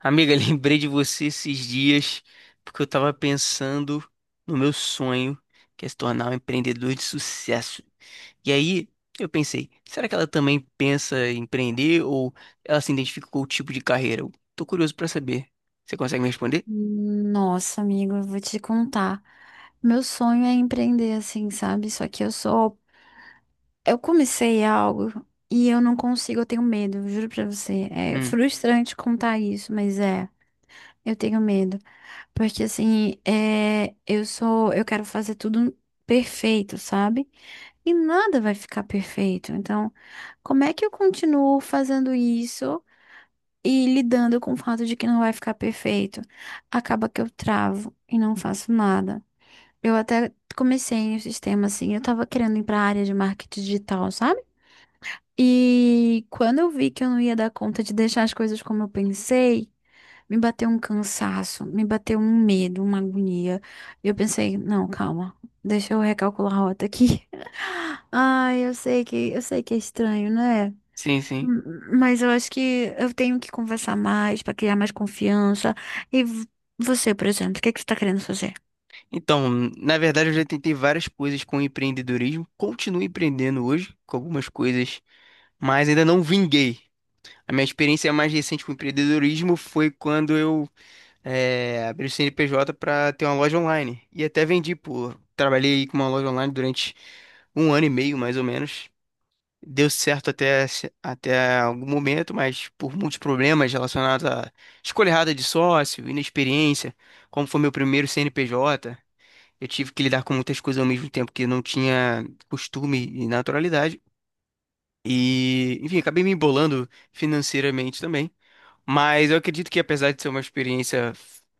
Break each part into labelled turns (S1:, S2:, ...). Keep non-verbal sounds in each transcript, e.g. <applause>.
S1: Amiga, <laughs> lembrei de você esses dias porque eu tava pensando no meu sonho, que é se tornar um empreendedor de sucesso. E aí eu pensei, será que ela também pensa em empreender ou ela se identifica com o tipo de carreira? Eu tô curioso pra saber. Você consegue me responder?
S2: Nossa, amigo, eu vou te contar. Meu sonho é empreender assim, sabe? Só que eu sou. Eu comecei algo e eu não consigo, eu tenho medo, eu juro pra você. É
S1: Hum,
S2: frustrante contar isso, mas é. Eu tenho medo. Porque assim, eu sou. Eu quero fazer tudo perfeito, sabe? E nada vai ficar perfeito. Então, como é que eu continuo fazendo isso? E lidando com o fato de que não vai ficar perfeito, acaba que eu travo e não faço nada. Eu até comecei no sistema assim, eu tava querendo ir pra área de marketing digital, sabe? E quando eu vi que eu não ia dar conta de deixar as coisas como eu pensei, me bateu um cansaço, me bateu um medo, uma agonia. E eu pensei, não, calma, deixa eu recalcular a rota aqui. <laughs> Ai, eu sei que é estranho, né?
S1: sim, sim.
S2: M- Mas eu acho que eu tenho que conversar mais para criar mais confiança. E você, por exemplo, o que é que você está querendo fazer?
S1: Então, na verdade, eu já tentei várias coisas com empreendedorismo. Continuo empreendendo hoje com algumas coisas, mas ainda não vinguei. A minha experiência mais recente com empreendedorismo foi quando eu abri o CNPJ para ter uma loja online. E até vendi, pô. Trabalhei com uma loja online durante um ano e meio, mais ou menos. Deu certo até, até algum momento, mas por muitos problemas relacionados à escolha errada de sócio, inexperiência, como foi meu primeiro CNPJ, eu tive que lidar com muitas coisas ao mesmo tempo que eu não tinha costume e naturalidade. E, enfim, acabei me embolando financeiramente também. Mas eu acredito que, apesar de ser uma experiência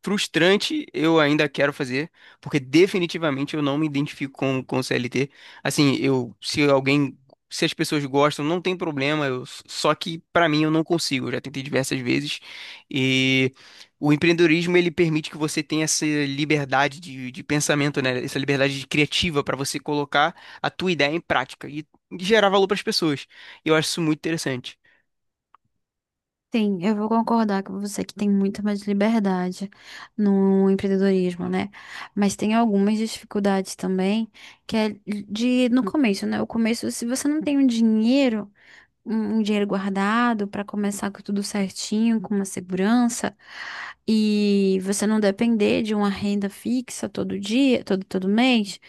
S1: frustrante, eu ainda quero fazer, porque definitivamente eu não me identifico com o CLT. Assim, eu, se alguém, se as pessoas gostam, não tem problema, eu, só que pra mim eu não consigo. Eu já tentei diversas vezes. E o empreendedorismo, ele permite que você tenha essa liberdade de pensamento, né? Essa liberdade criativa para você colocar a tua ideia em prática e gerar valor para as pessoas. E eu acho isso muito interessante.
S2: Sim, eu vou concordar com você que tem muito mais liberdade no empreendedorismo, né? Mas tem algumas dificuldades também, que é de no começo, né? O começo, se você não tem um dinheiro, um dinheiro guardado para começar com tudo certinho, com uma segurança, e você não depender de uma renda fixa todo dia, todo mês,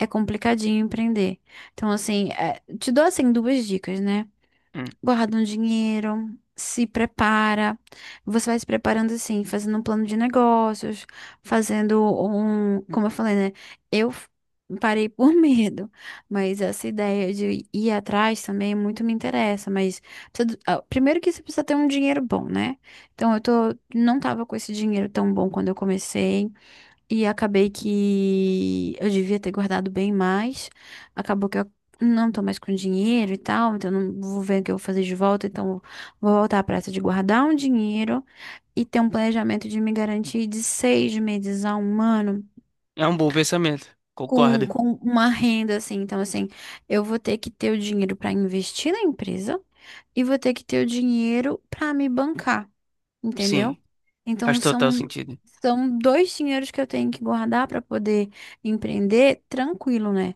S2: é complicadinho empreender. Então, assim, é, te dou assim duas dicas, né?
S1: Hum.
S2: Guarda um dinheiro, se prepara. Você vai se preparando assim, fazendo um plano de negócios, fazendo um, como eu falei, né? Eu f- Parei por <laughs> medo, mas essa ideia de ir atrás também muito me interessa, mas precisa do- ah, primeiro que você precisa ter um dinheiro bom, né? Então eu tô, não tava com esse dinheiro tão bom quando eu comecei. E acabei que eu devia ter guardado bem mais. Acabou que eu não tô mais com dinheiro e tal, então não vou ver o que eu vou fazer de volta. Então vou voltar à pressa de guardar um dinheiro e ter um planejamento de me garantir de 6 meses a um ano
S1: É um bom pensamento. Concordo.
S2: com uma renda assim. Então, assim, eu vou ter que ter o dinheiro para investir na empresa e vou ter que ter o dinheiro para me bancar, entendeu?
S1: Sim,
S2: Então
S1: faz total
S2: são
S1: sentido. <laughs>
S2: são dois dinheiros que eu tenho que guardar para poder empreender tranquilo, né?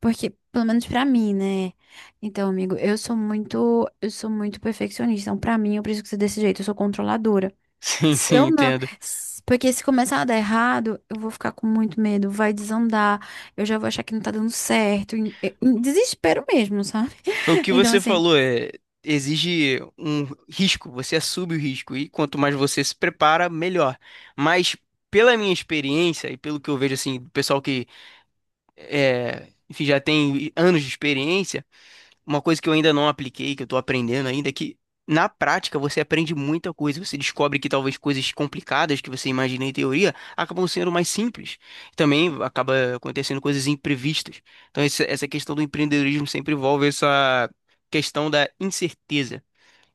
S2: Porque pelo menos para mim, né? Então, amigo, eu sou muito perfeccionista. Então, para mim, eu preciso ser desse jeito, eu sou controladora.
S1: Sim,
S2: Se
S1: sim,
S2: eu não,
S1: entendo.
S2: se- Porque se começar a dar errado, eu vou ficar com muito medo, vai desandar, eu já vou achar que não tá dando certo, em desespero mesmo, sabe?
S1: Foi O
S2: <laughs>
S1: que
S2: Então,
S1: você
S2: assim,
S1: falou é exige um risco, você assume o risco e quanto mais você se prepara, melhor. Mas pela minha experiência e pelo que eu vejo assim, do pessoal que enfim, já tem anos de experiência. Uma coisa que eu ainda não apliquei, que eu tô aprendendo ainda, é que na prática você aprende muita coisa. Você descobre que talvez coisas complicadas que você imagina em teoria acabam sendo mais simples. Também acaba acontecendo coisas imprevistas. Então, essa questão do empreendedorismo sempre envolve essa questão da incerteza.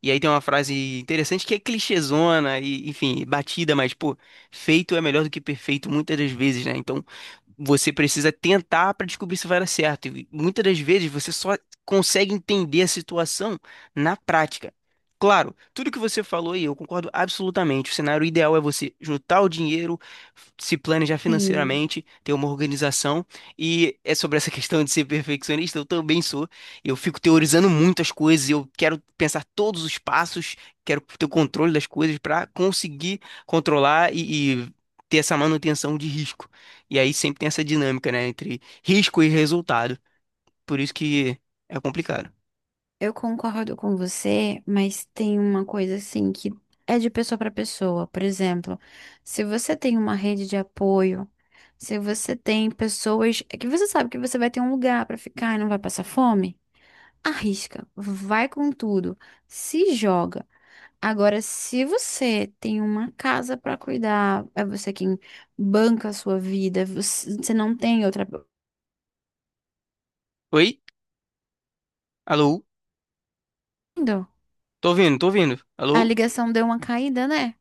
S1: E aí tem uma frase interessante que é clichêzona e, enfim, batida, mas, pô, feito é melhor do que perfeito muitas das vezes, né? Então, você precisa tentar para descobrir se vai dar certo. E muitas das vezes você só consegue entender a situação na prática. Claro, tudo que você falou aí, eu concordo absolutamente. O cenário ideal é você juntar o dinheiro, se planejar
S2: sim.
S1: financeiramente, ter uma organização. E é sobre essa <laughs> questão de ser perfeccionista, eu também sou. Eu fico teorizando muitas coisas, eu quero pensar todos os passos, quero ter o controle das coisas para conseguir controlar e ter essa manutenção de risco. E aí sempre tem essa dinâmica, né, entre risco e resultado. Por isso que é complicado.
S2: Eu concordo com você, mas tem uma coisa assim que é de pessoa para pessoa. Por exemplo, se você tem uma rede de apoio, se você tem pessoas é que você sabe que você vai ter um lugar para ficar e não vai passar fome, arrisca, vai com tudo, se joga. Agora, se você tem uma casa para cuidar, é você quem banca a sua vida, você não tem outra.
S1: Oi? Alô?
S2: Entendeu?
S1: Tô ouvindo, tô ouvindo.
S2: A
S1: Alô?
S2: ligação deu uma caída, né?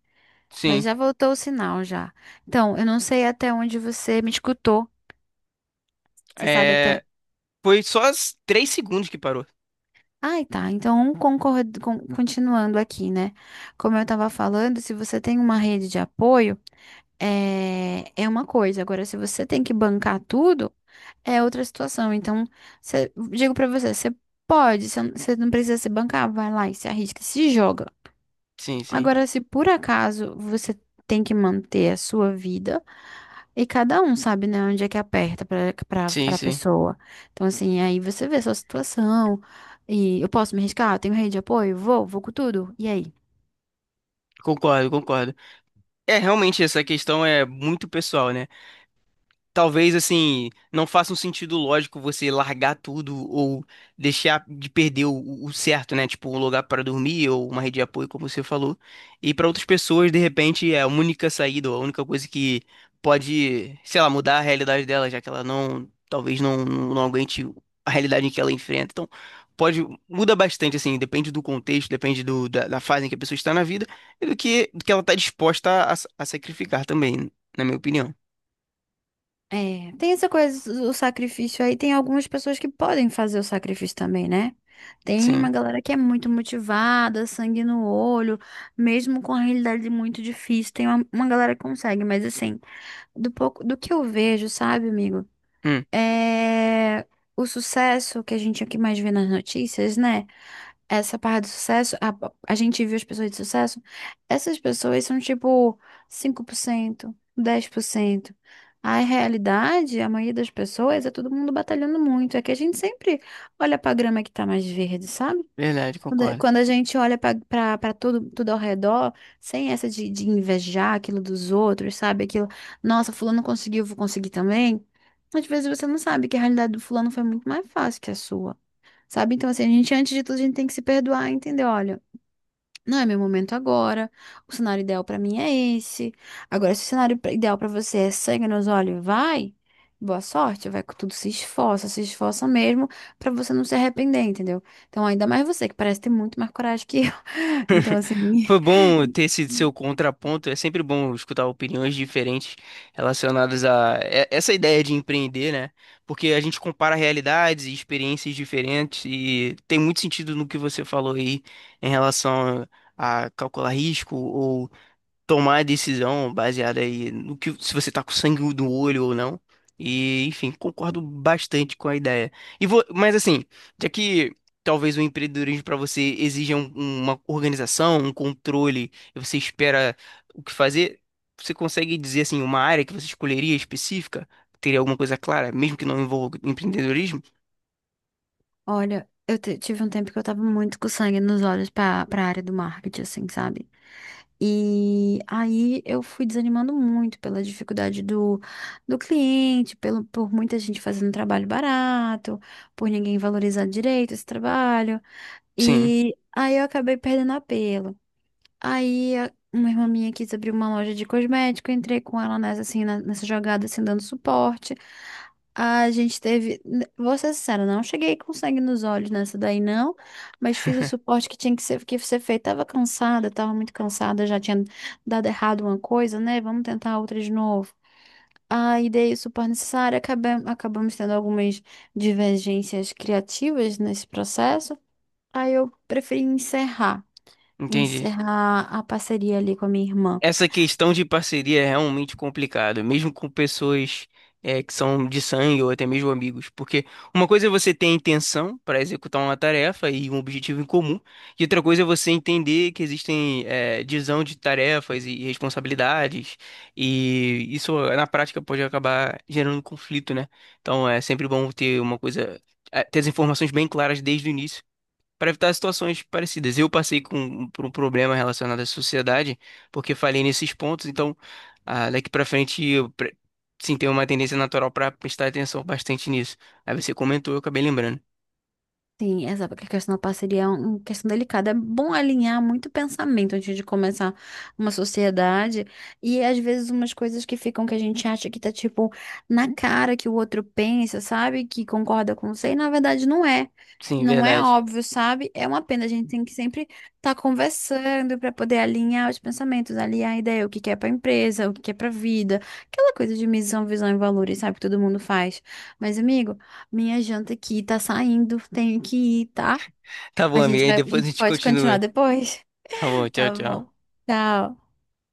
S2: Mas
S1: Sim.
S2: já voltou o sinal já. Então, eu não sei até onde você me escutou. Você sabe até.
S1: É... Foi só as 3 segundos que parou.
S2: Ai, tá. Então, concordo, continuando aqui, né? Como eu estava falando, se você tem uma rede de apoio, é, é uma coisa. Agora, se você tem que bancar tudo, é outra situação. Então, digo pra você, você pode, você não cê não precisa se bancar, vai lá e se arrisca, se joga.
S1: Sim, sim.
S2: Agora, se por acaso você tem que manter a sua vida. E cada um sabe, né, onde é que aperta para
S1: Sim,
S2: para
S1: sim.
S2: pessoa. Então, assim, aí você vê a sua situação. E eu posso me arriscar? Eu tenho rede de apoio? Vou com tudo. E aí?
S1: Concordo, concordo. É, realmente essa questão é muito pessoal, né? Talvez assim não faça um sentido lógico você largar tudo ou deixar de perder o certo, né? Tipo, um lugar para dormir ou uma rede de apoio, como você falou. E para outras pessoas, de repente, é a única saída, ou a única coisa que pode, sei lá, mudar a realidade dela, já que ela não, talvez não, não aguente a realidade em que ela enfrenta. Então, pode, muda bastante assim, depende do contexto, depende da fase em que a pessoa está na vida e do que ela está disposta a sacrificar também, na minha opinião.
S2: É, tem essa coisa, o sacrifício aí. Tem algumas pessoas que podem fazer o sacrifício também, né? Tem uma
S1: Sim.
S2: galera que é muito motivada, sangue no olho, mesmo com a realidade muito difícil. Tem uma galera que consegue, mas assim, do pouco, do que eu vejo, sabe, amigo?
S1: Hum.
S2: É. O sucesso que a gente aqui mais vê nas notícias, né? Essa parte do sucesso, a gente viu as pessoas de sucesso, essas pessoas são tipo 5%, 10%. A realidade, a maioria das pessoas, é todo mundo batalhando muito. É que a gente sempre olha pra grama que tá mais verde, sabe?
S1: Verdade,
S2: Quando a
S1: concordo.
S2: quando a gente olha pra tudo, tudo ao redor, sem essa de invejar aquilo dos outros, sabe? Aquilo, nossa, fulano conseguiu, eu vou conseguir também. Às vezes você não sabe que a realidade do fulano foi muito mais fácil que a sua. Sabe? Então, assim, a gente, antes de tudo, a gente tem que se perdoar, entendeu? Olha, não é meu momento agora. O cenário ideal pra mim é esse. Agora, se o cenário ideal pra você é sangue nos olhos, vai. Boa sorte, vai com tudo, se esforça, se esforça mesmo pra você não se arrepender, entendeu? Então, ainda mais você, que parece ter muito mais coragem que eu. <laughs> Então, assim,
S1: Foi bom
S2: <laughs>
S1: ter esse seu contraponto. É sempre bom escutar opiniões diferentes relacionadas a essa ideia de empreender, né? Porque a gente compara realidades e experiências diferentes e tem muito sentido no que você falou aí em relação a calcular risco, tomar a decisão baseada aí no que se você tá com sangue do olho ou não. E, enfim, concordo bastante com a ideia. E vou, mas assim, já que talvez o empreendedorismo para você exija uma organização, um controle, e você espera o que fazer, você consegue dizer assim uma área que você escolheria específica? Teria alguma coisa clara, mesmo que não envolva empreendedorismo?
S2: olha, eu tive um tempo que eu tava muito com sangue nos olhos pra, pra área do marketing, assim, sabe? E aí eu fui desanimando muito pela dificuldade do, do cliente, pelo, por muita gente fazendo trabalho barato, por ninguém valorizar direito esse trabalho.
S1: Sim,
S2: E aí eu acabei perdendo apelo. Aí a- uma irmã minha quis abrir uma loja de cosmético, eu entrei com ela nessa, assim, nessa jogada, assim, dando suporte. A gente teve, vou ser sincera, não cheguei com sangue nos olhos nessa daí, não, mas fiz o
S1: <laughs>
S2: suporte que tinha que ser feito. Tava cansada, tava muito cansada, já tinha dado errado uma coisa, né? Vamos tentar outra de novo. Aí dei o suporte necessário, acabamos tendo algumas divergências criativas nesse processo. Aí eu preferi encerrar
S1: entendi.
S2: a parceria ali com a minha irmã.
S1: Essa questão de parceria é realmente complicada, mesmo com pessoas que são de sangue ou até mesmo amigos, porque uma coisa é você ter a intenção para executar uma tarefa e um objetivo em comum, e outra coisa é você entender que existem divisão de tarefas e responsabilidades, e isso na prática pode acabar gerando um conflito, né? Então é sempre bom ter uma coisa, ter as informações bem claras desde o início para evitar situações parecidas. Eu passei por um problema relacionado à sociedade, porque falhei nesses pontos, então ah, daqui para frente eu sim tenho uma tendência natural para prestar atenção bastante nisso. Aí você comentou, eu acabei lembrando.
S2: Sim, exato, porque a questão da parceria é um, uma questão delicada. É bom alinhar muito pensamento antes de começar uma sociedade. E é, às vezes umas coisas que ficam que a gente acha que tá tipo na cara que o outro pensa, sabe? Que concorda com você, e na verdade não é.
S1: Sim,
S2: Não é
S1: verdade.
S2: óbvio, sabe? É uma pena, a gente tem que sempre estar conversando para poder alinhar os pensamentos, alinhar a ideia, o que que é para empresa, o que que é para vida, aquela coisa de missão, visão e valores, sabe? Que todo mundo faz. Mas, amigo. Minha janta aqui tá saindo, tenho que ir, tá?
S1: Tá bom,
S2: A
S1: amiga,
S2: gente
S1: aí
S2: vai, a
S1: depois a
S2: gente
S1: gente
S2: pode continuar
S1: continua.
S2: depois.
S1: Tá bom,
S2: <laughs>
S1: tchau,
S2: Tá bom.
S1: tchau.
S2: Tchau.